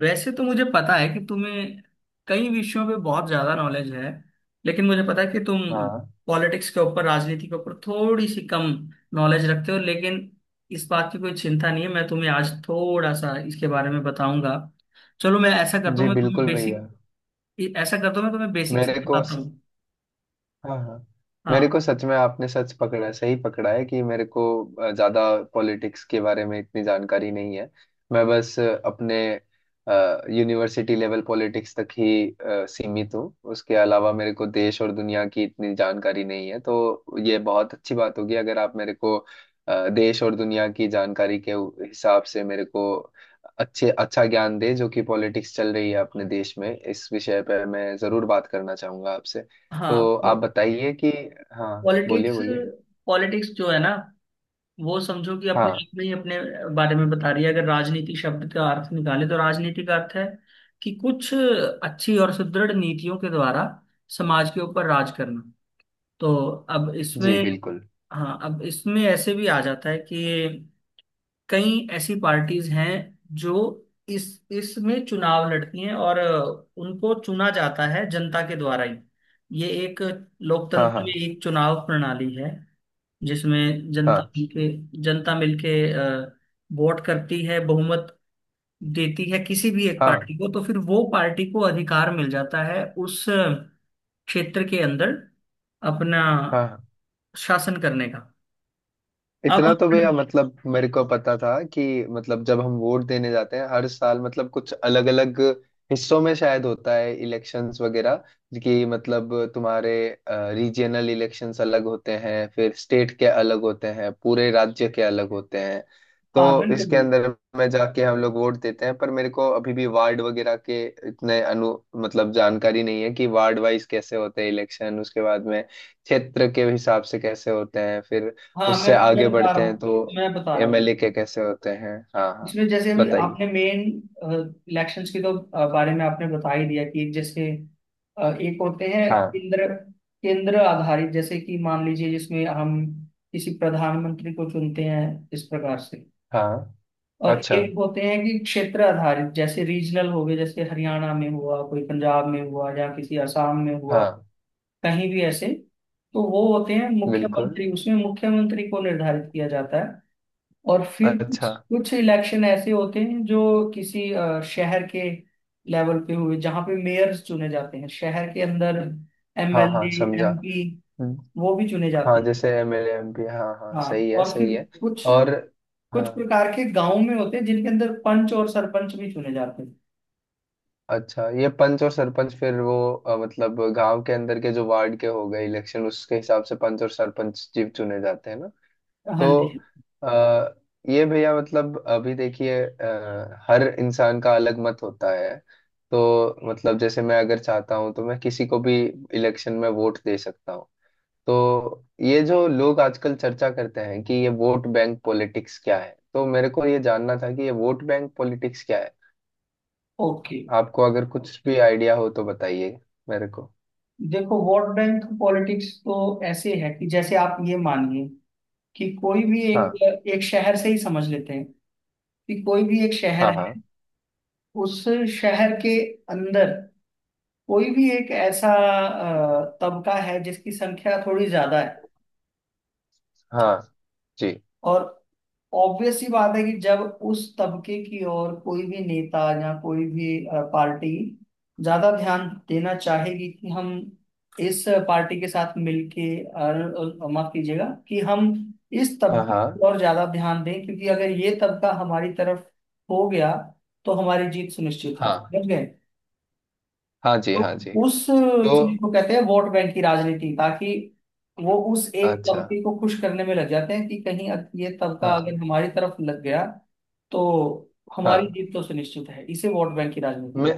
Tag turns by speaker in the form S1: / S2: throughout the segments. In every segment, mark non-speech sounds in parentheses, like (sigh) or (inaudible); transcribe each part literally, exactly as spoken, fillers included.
S1: वैसे तो मुझे पता है कि तुम्हें कई विषयों पे बहुत ज्यादा नॉलेज है, लेकिन मुझे पता है कि तुम
S2: हाँ
S1: पॉलिटिक्स के ऊपर, राजनीति के ऊपर थोड़ी सी कम नॉलेज रखते हो। लेकिन इस बात की कोई चिंता नहीं है, मैं तुम्हें आज थोड़ा सा इसके बारे में बताऊंगा। चलो, मैं ऐसा करता हूँ
S2: जी
S1: मैं तुम्हें
S2: बिल्कुल
S1: बेसिक
S2: भैया।
S1: ऐसा करता हूँ, मैं तुम्हें बेसिक से
S2: मेरे को
S1: बताता
S2: स-
S1: हूँ।
S2: हाँ हाँ। मेरे को
S1: हाँ
S2: सच में आपने सच पकड़ा है सही पकड़ा है कि मेरे को अ, ज्यादा पॉलिटिक्स के बारे में इतनी जानकारी नहीं है। मैं बस अ, अपने यूनिवर्सिटी लेवल पॉलिटिक्स तक ही अ, सीमित हूँ। उसके अलावा मेरे को देश और दुनिया की इतनी जानकारी नहीं है, तो ये बहुत अच्छी बात होगी अगर आप मेरे को अ, देश और दुनिया की जानकारी के उ- हिसाब से मेरे को अच्छे अच्छा ज्ञान दे, जो कि पॉलिटिक्स चल रही है अपने देश में। इस विषय पर मैं जरूर बात करना चाहूंगा आपसे। तो
S1: हाँ।
S2: आप बताइए कि। हाँ, बोलिए
S1: पॉलिटिक्स
S2: बोलिए।
S1: पॉलिटिक्स जो है ना, वो समझो कि अपने
S2: हाँ
S1: आप में ही अपने बारे में बता रही है। अगर राजनीति शब्द का अर्थ निकाले तो राजनीति का अर्थ है कि कुछ अच्छी और सुदृढ़ नीतियों के द्वारा समाज के ऊपर राज करना। तो अब इसमें,
S2: जी बिल्कुल।
S1: हाँ, अब इसमें ऐसे भी आ जाता है कि कई ऐसी पार्टीज हैं जो इस इसमें चुनाव लड़ती हैं, और उनको चुना जाता है जनता के द्वारा ही। ये एक
S2: हाँ
S1: लोकतंत्र में
S2: हाँ।
S1: एक चुनाव प्रणाली है जिसमें जनता
S2: हाँ
S1: मिलके जनता मिलके अ, वोट करती है, बहुमत देती है किसी भी एक
S2: हाँ
S1: पार्टी को। तो फिर वो पार्टी को अधिकार मिल जाता है उस क्षेत्र के अंदर अपना
S2: हाँ हाँ।
S1: शासन करने का। अब
S2: इतना तो
S1: आप-
S2: भैया मतलब मेरे को पता था कि मतलब जब हम वोट देने जाते हैं हर साल, मतलब कुछ अलग अलग हिस्सों में शायद होता है इलेक्शंस वगैरह, कि मतलब तुम्हारे रीजनल इलेक्शंस अलग होते हैं, फिर स्टेट के अलग होते हैं, पूरे राज्य के अलग होते हैं।
S1: हाँ
S2: तो
S1: बिल्कुल
S2: इसके
S1: बिल्कुल।
S2: अंदर में जाके हम लोग वोट देते हैं, पर मेरे को अभी भी वार्ड वगैरह के इतने अनु मतलब जानकारी नहीं है कि वार्ड वाइज कैसे होते हैं इलेक्शन, उसके बाद में क्षेत्र के हिसाब से कैसे होते हैं, फिर
S1: हाँ मैं
S2: उससे
S1: मैं
S2: आगे
S1: बता रहा
S2: बढ़ते हैं
S1: हूँ,
S2: तो
S1: मैं बता रहा हूँ
S2: एमएलए
S1: आपको।
S2: के कैसे होते हैं। हाँ हाँ,
S1: इसमें जैसे अभी
S2: बताइए।
S1: आपने मेन इलेक्शंस के तो अ, बारे में आपने बता ही दिया कि जैसे अ, एक होते हैं
S2: हाँ
S1: केंद्र केंद्र आधारित, जैसे कि मान लीजिए जिसमें हम किसी प्रधानमंत्री को चुनते हैं इस प्रकार से।
S2: हाँ।
S1: और
S2: अच्छा।
S1: एक होते हैं कि क्षेत्र आधारित, जैसे रीजनल हो गए, जैसे हरियाणा में हुआ कोई, पंजाब में हुआ या किसी असम में हुआ,
S2: हाँ।
S1: कहीं भी ऐसे। तो वो होते हैं
S2: बिल्कुल।
S1: मुख्यमंत्री, उसमें मुख्यमंत्री को निर्धारित किया जाता है। और फिर कुछ
S2: अच्छा।
S1: कुछ इलेक्शन ऐसे होते हैं जो किसी अ, शहर के लेवल पे हुए, जहाँ पे मेयर्स चुने जाते हैं शहर के अंदर।
S2: हाँ हाँ,
S1: एमएलए
S2: समझा।
S1: एमपी
S2: हम्म,
S1: वो भी चुने जाते
S2: हाँ,
S1: हैं।
S2: जैसे एमएलए एमपी, हाँ हाँ,
S1: हाँ,
S2: सही है
S1: और
S2: सही
S1: फिर
S2: है।
S1: कुछ
S2: और।
S1: कुछ
S2: हाँ।
S1: प्रकार के गांव में होते हैं जिनके अंदर पंच और सरपंच भी चुने जाते हैं।
S2: अच्छा, ये पंच और सरपंच फिर वो अ, मतलब गांव के अंदर के जो वार्ड के हो गए इलेक्शन, उसके हिसाब से पंच और सरपंच जीव चुने जाते हैं ना।
S1: हाँ जी।
S2: तो आ, ये भैया मतलब अभी देखिए, अ, हर इंसान का अलग मत होता है, तो मतलब जैसे मैं अगर चाहता हूँ तो मैं किसी को भी इलेक्शन में वोट दे सकता हूँ। तो ये जो लोग आजकल चर्चा करते हैं कि ये वोट बैंक पॉलिटिक्स क्या है, तो मेरे को ये जानना था कि ये वोट बैंक पॉलिटिक्स क्या है।
S1: ओके,
S2: आपको अगर कुछ भी आइडिया हो तो बताइए मेरे को।
S1: देखो वोट बैंक पॉलिटिक्स तो ऐसे है कि जैसे आप ये मानिए कि कोई भी
S2: हाँ
S1: एक एक शहर से ही समझ लेते हैं कि कोई भी एक शहर
S2: हाँ हाँ
S1: है। उस शहर के अंदर कोई भी एक ऐसा अ, तबका है जिसकी संख्या थोड़ी ज्यादा है, ठीक।
S2: हाँ जी,
S1: और ऑब्वियस सी बात है कि जब उस तबके की ओर कोई भी नेता या कोई भी अ, पार्टी ज्यादा ध्यान देना चाहेगी कि हम इस पार्टी के साथ मिलके और और माफ कीजिएगा, कि हम इस
S2: हाँ।
S1: तबके की
S2: हाँ
S1: ओर ज्यादा ध्यान दें क्योंकि अगर ये तबका हमारी तरफ हो गया तो हमारी जीत सुनिश्चित है,
S2: हाँ
S1: समझ गए।
S2: हाँ जी,
S1: तो
S2: हाँ जी।
S1: उस चीज
S2: तो।
S1: को कहते हैं वोट बैंक की राजनीति, ताकि वो उस एक
S2: अच्छा।
S1: कंपनी को खुश करने में लग जाते हैं कि कहीं अग- ये तबका अगर
S2: हाँ
S1: हमारी तरफ लग गया तो हमारी
S2: हाँ।
S1: जीत तो सुनिश्चित है। इसे वोट बैंक की राजनीति में।
S2: मैं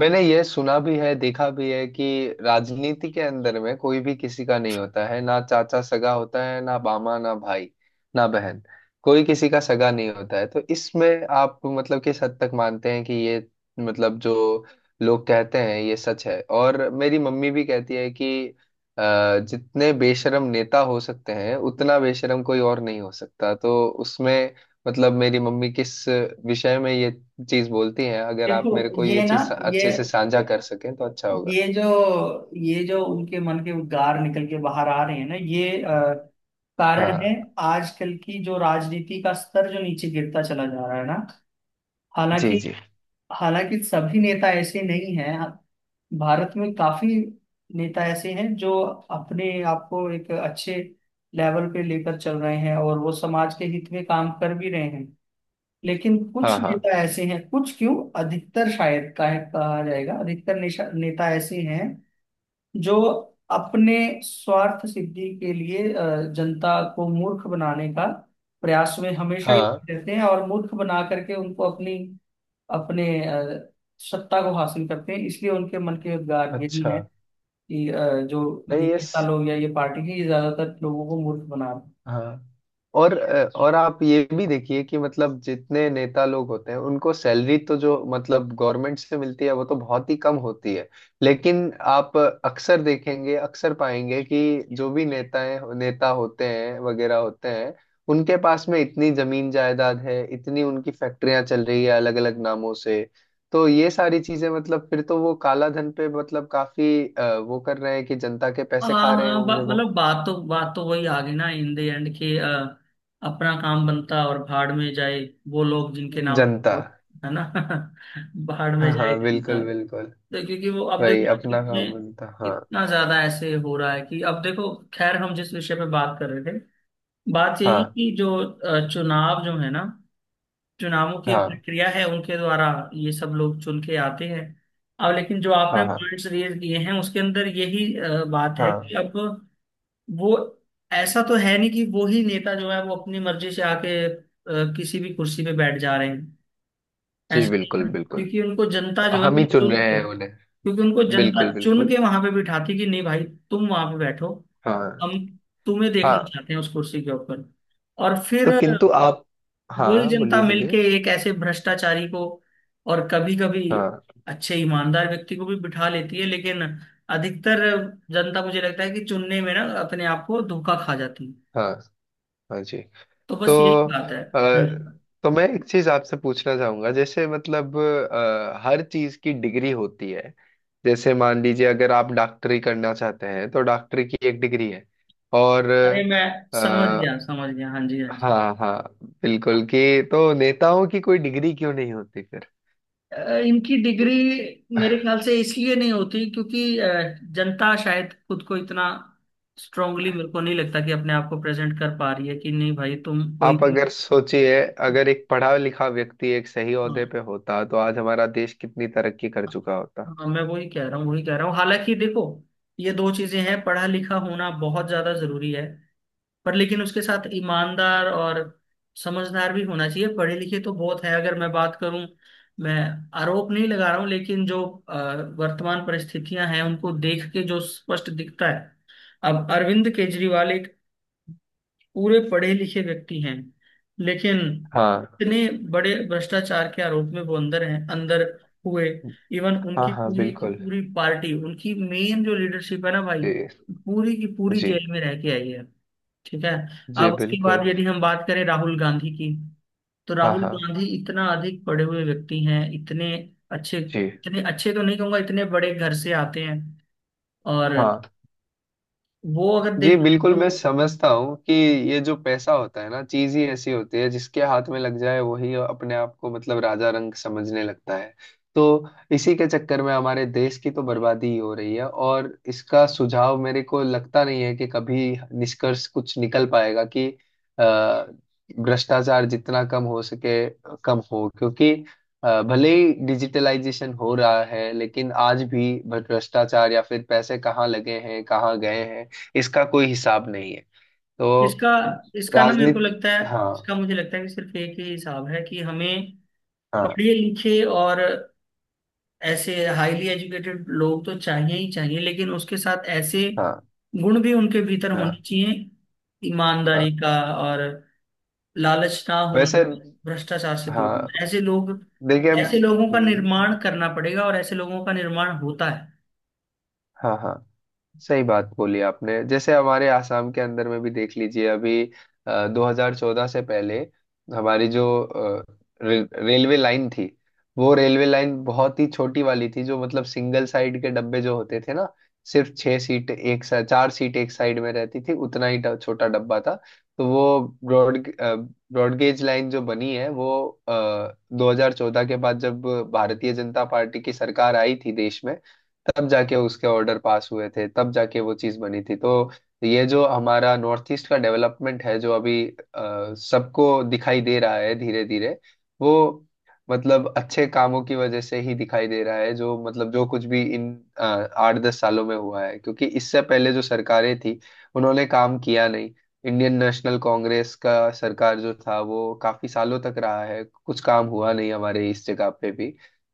S2: मैंने ये सुना भी है देखा भी है कि राजनीति के अंदर में कोई भी किसी का नहीं होता है, ना चाचा सगा होता है, ना मामा, ना भाई, ना बहन। कोई किसी का सगा नहीं होता है। तो इसमें आप मतलब किस हद तक मानते हैं कि ये मतलब जो लोग कहते हैं ये सच है? और मेरी मम्मी भी कहती है कि अ, जितने बेशरम नेता हो सकते हैं उतना बेशरम कोई और नहीं हो सकता। तो उसमें मतलब मेरी मम्मी किस विषय में ये चीज बोलती हैं, अगर आप मेरे
S1: देखो
S2: को
S1: ये
S2: ये
S1: ना
S2: चीज
S1: ये
S2: अच्छे से साझा कर सकें तो अच्छा होगा।
S1: ये जो ये जो उनके मन के उद्गार निकल के बाहर आ रहे हैं ना, ये अ, कारण है
S2: हाँ।
S1: आजकल की जो राजनीति का स्तर जो नीचे गिरता चला जा रहा है ना।
S2: जी
S1: हालांकि,
S2: जी।
S1: हालांकि सभी नेता ऐसे नहीं हैं। भारत में काफी नेता ऐसे हैं जो अपने आप को एक अच्छे लेवल पे लेकर चल रहे हैं और वो समाज के हित में काम कर भी रहे हैं। लेकिन
S2: हाँ
S1: कुछ
S2: हाँ
S1: नेता ऐसे हैं, कुछ क्यों, अधिकतर शायद कहा कहा जाएगा, अधिकतर नेशा- नेता ऐसे हैं जो अपने स्वार्थ सिद्धि के लिए अ, जनता को मूर्ख बनाने का प्रयास में हमेशा ही
S2: हाँ।
S1: लगे रहते हैं और मूर्ख बना करके उनको अपनी अपने अ, सत्ता को हासिल करते हैं। इसलिए उनके मन के उद्गार यही
S2: अच्छा।
S1: हैं कि अ, जो ये
S2: नहीं ये।
S1: नेता लोग या ये पार्टी है, ये ज्यादातर लोगों को मूर्ख बना रहे हैं।
S2: हाँ। और अ, और आप ये भी देखिए कि मतलब जितने नेता लोग होते हैं उनको सैलरी तो जो मतलब गवर्नमेंट से मिलती है वो तो बहुत ही कम होती है। लेकिन आप अक्सर देखेंगे अक्सर पाएंगे कि जो भी नेताएं नेता होते हैं वगैरह होते हैं, उनके पास में इतनी जमीन जायदाद है, इतनी उनकी फैक्ट्रियां चल रही है अलग अलग नामों से। तो ये सारी चीजें मतलब फिर तो वो काला धन पे मतलब काफी अ, वो कर रहे हैं कि जनता के
S1: हाँ
S2: पैसे खा रहे
S1: हाँ,
S2: होंगे
S1: बा-
S2: वो।
S1: मतलब बात तो बात तो वही आ गई ना इन द एंड, कि अ, अपना काम बनता और भाड़ में जाए वो लोग जिनके नाम,
S2: जनता।
S1: है ना। (laughs) भाड़ में
S2: हाँ
S1: जाए
S2: हाँ,
S1: जनता।
S2: बिल्कुल बिल्कुल।
S1: तो क्योंकि वो, अब देखो
S2: वही
S1: ना
S2: अपना
S1: कितने
S2: काम बनता, हाँ
S1: कितना ज्यादा ऐसे हो रहा है कि अब देखो, खैर हम जिस विषय पे बात कर रहे थे, बात यही
S2: हाँ
S1: कि जो अ, चुनाव जो है ना, चुनावों की
S2: हाँ
S1: प्रक्रिया है, उनके द्वारा ये सब लोग चुन के आते हैं। अब लेकिन जो आपने
S2: हाँ हाँ
S1: पॉइंट्स रेज किए हैं उसके अंदर यही अ, बात है कि
S2: हाँ।
S1: अब वो, ऐसा तो है नहीं कि वो ही नेता जो है वो अपनी मर्जी से आके अ, किसी भी कुर्सी पे बैठ जा रहे हैं।
S2: जी
S1: ऐसा नहीं
S2: बिल्कुल
S1: है
S2: बिल्कुल।
S1: क्योंकि उनको जनता जो है
S2: हम
S1: वो
S2: ही चुन
S1: चुन
S2: रहे
S1: के,
S2: हैं उन्हें।
S1: क्योंकि उनको जनता
S2: बिल्कुल
S1: चुन के
S2: बिल्कुल।
S1: वहां पे बिठाती कि नहीं भाई तुम वहां पे बैठो,
S2: हाँ
S1: हम तुम्हें देखना
S2: हाँ।
S1: चाहते हैं उस कुर्सी के ऊपर। और फिर
S2: तो किंतु आप,
S1: वही
S2: हाँ,
S1: जनता
S2: बोलिए
S1: मिलके
S2: बोलिए।
S1: एक ऐसे भ्रष्टाचारी को और कभी कभी
S2: हाँ
S1: अच्छे ईमानदार व्यक्ति को भी बिठा लेती है। लेकिन अधिकतर जनता मुझे लगता है कि चुनने में ना अपने आप को धोखा खा जाती है।
S2: हाँ। हाँ जी।
S1: तो
S2: तो
S1: बस यही बात है।
S2: अ,
S1: हम्म।
S2: तो मैं एक चीज आपसे पूछना चाहूंगा, जैसे मतलब अ, हर चीज की डिग्री होती है। जैसे मान लीजिए अगर आप डॉक्टरी करना चाहते हैं तो डॉक्टरी की एक डिग्री है। और
S1: अरे मैं
S2: अ,
S1: समझ गया समझ गया, हाँ जी हाँ जी।
S2: हाँ हाँ, बिल्कुल कि तो नेताओं की कोई डिग्री क्यों नहीं होती फिर?
S1: अ, इनकी डिग्री मेरे ख्याल से इसलिए नहीं होती क्योंकि अ, जनता शायद खुद को इतना स्ट्रांगली, मेरे को नहीं लगता कि अपने आप को प्रेजेंट कर पा रही है कि नहीं भाई तुम कोई
S2: आप
S1: भी।
S2: अगर सोचिए, अगर एक पढ़ा लिखा व्यक्ति एक सही ओहदे
S1: हाँ
S2: पे होता तो आज हमारा देश कितनी तरक्की कर चुका होता।
S1: हाँ, मैं वही कह रहा हूँ वही कह रहा हूँ। हालांकि देखो, ये दो चीजें हैं, पढ़ा लिखा होना बहुत ज्यादा जरूरी है, पर लेकिन उसके साथ ईमानदार और समझदार भी होना चाहिए। पढ़े लिखे तो बहुत है अगर मैं बात करूं, मैं आरोप नहीं लगा रहा हूँ लेकिन जो अ, वर्तमान परिस्थितियां हैं उनको देख के जो स्पष्ट दिखता है। अब अरविंद केजरीवाल एक पूरे पढ़े लिखे व्यक्ति हैं, लेकिन
S2: हाँ
S1: इतने बड़े भ्रष्टाचार के आरोप में वो अंदर हैं, अंदर हुए। इवन
S2: हाँ।
S1: उनकी
S2: हाँ,
S1: पूरी की
S2: बिल्कुल।
S1: पूरी पार्टी, उनकी मेन जो लीडरशिप है ना भाई,
S2: जी
S1: पूरी की पूरी
S2: जी।
S1: जेल में रह के आई है, ठीक है।
S2: जी
S1: अब उसके
S2: बिल्कुल।
S1: बाद यदि हम बात करें राहुल गांधी की, तो
S2: हाँ
S1: राहुल
S2: हाँ
S1: गांधी इतना अधिक पढ़े हुए व्यक्ति हैं, इतने अच्छे
S2: जी,
S1: इतने अच्छे तो नहीं कहूंगा, इतने बड़े घर से आते हैं। और
S2: हाँ।
S1: वो अगर
S2: जी
S1: देखा
S2: बिल्कुल।
S1: जाए तो
S2: मैं
S1: वो,
S2: समझता हूँ कि ये जो पैसा होता है ना, चीज ही ऐसी होती है जिसके हाथ में लग जाए वही अपने आप को मतलब राजा रंग समझने लगता है। तो इसी के चक्कर में हमारे देश की तो बर्बादी ही हो रही है, और इसका सुझाव मेरे को लगता नहीं है कि कभी निष्कर्ष कुछ निकल पाएगा कि अ, भ्रष्टाचार जितना कम हो सके कम हो। क्योंकि अ, भले ही डिजिटलाइजेशन हो रहा है लेकिन आज भी भ्रष्टाचार या फिर पैसे कहाँ लगे हैं कहाँ गए हैं, इसका कोई हिसाब नहीं है। तो
S1: इसका इसका ना मेरे को
S2: राजनीति।
S1: लगता है
S2: हाँ
S1: इसका मुझे लगता है कि सिर्फ एक ही हिसाब है कि हमें
S2: हाँ
S1: पढ़े लिखे और ऐसे हाईली एजुकेटेड लोग तो चाहिए ही चाहिए, लेकिन उसके साथ ऐसे
S2: हाँ
S1: गुण भी उनके भीतर होने
S2: हाँ
S1: चाहिए, ईमानदारी
S2: हाँ।
S1: का, और लालच ना होना,
S2: वैसे।
S1: भ्रष्टाचार से दूर
S2: हाँ।
S1: होना। ऐसे लोग
S2: देखिए।
S1: ऐसे लोगों का
S2: हम्म,
S1: निर्माण करना पड़ेगा, और ऐसे लोगों का निर्माण होता है।
S2: हाँ हाँ, सही बात बोली आपने। जैसे हमारे आसाम के अंदर में भी देख लीजिए, अभी अ, दो हज़ार चौदह से पहले हमारी जो अ, रे, रेलवे लाइन थी, वो रेलवे लाइन बहुत ही छोटी वाली थी, जो मतलब सिंगल साइड के डब्बे जो होते थे ना, सिर्फ छह सीट एक सा, चार सीट एक साइड में रहती थी, उतना ही ड- छोटा डब्बा था। तो वो ब्रॉड ब्रॉडगेज लाइन जो बनी है वो आ, दो हज़ार चौदह के बाद जब भारतीय जनता पार्टी की सरकार आई थी देश में, तब जाके उसके ऑर्डर पास हुए थे, तब जाके वो चीज़ बनी थी। तो ये जो हमारा नॉर्थ ईस्ट का डेवलपमेंट है जो अभी अ, सबको दिखाई दे रहा है धीरे धीरे, वो मतलब अच्छे कामों की वजह से ही दिखाई दे रहा है, जो मतलब जो कुछ भी इन अ, आठ दस सालों में हुआ है। क्योंकि इससे पहले जो सरकारें थी उन्होंने काम किया नहीं। इंडियन नेशनल कांग्रेस का सरकार जो था वो काफी सालों तक रहा है, कुछ काम हुआ नहीं हमारे इस जगह पे भी।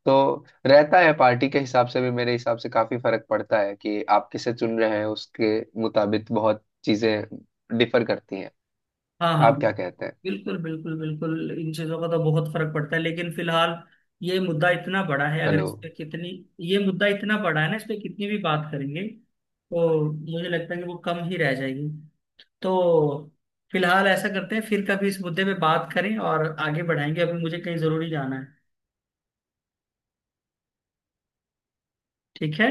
S2: तो रहता है पार्टी के हिसाब से भी, मेरे हिसाब से काफी फर्क पड़ता है कि आप किसे चुन रहे हैं, उसके मुताबिक बहुत चीजें डिफर करती हैं।
S1: हाँ हाँ,
S2: आप क्या कहते हैं?
S1: बिल्कुल बिल्कुल, बिल्कुल इन चीजों का तो बहुत फर्क पड़ता है। लेकिन फिलहाल ये मुद्दा इतना बड़ा है अगर
S2: हेलो।
S1: इस पे कितनी ये मुद्दा इतना बड़ा है ना, इस पे कितनी भी बात करेंगे तो मुझे लगता है कि वो कम ही रह जाएगी। तो फिलहाल ऐसा करते हैं, फिर कभी इस मुद्दे पे बात करें और आगे बढ़ाएंगे। अभी मुझे कहीं जरूरी जाना है। ठीक है।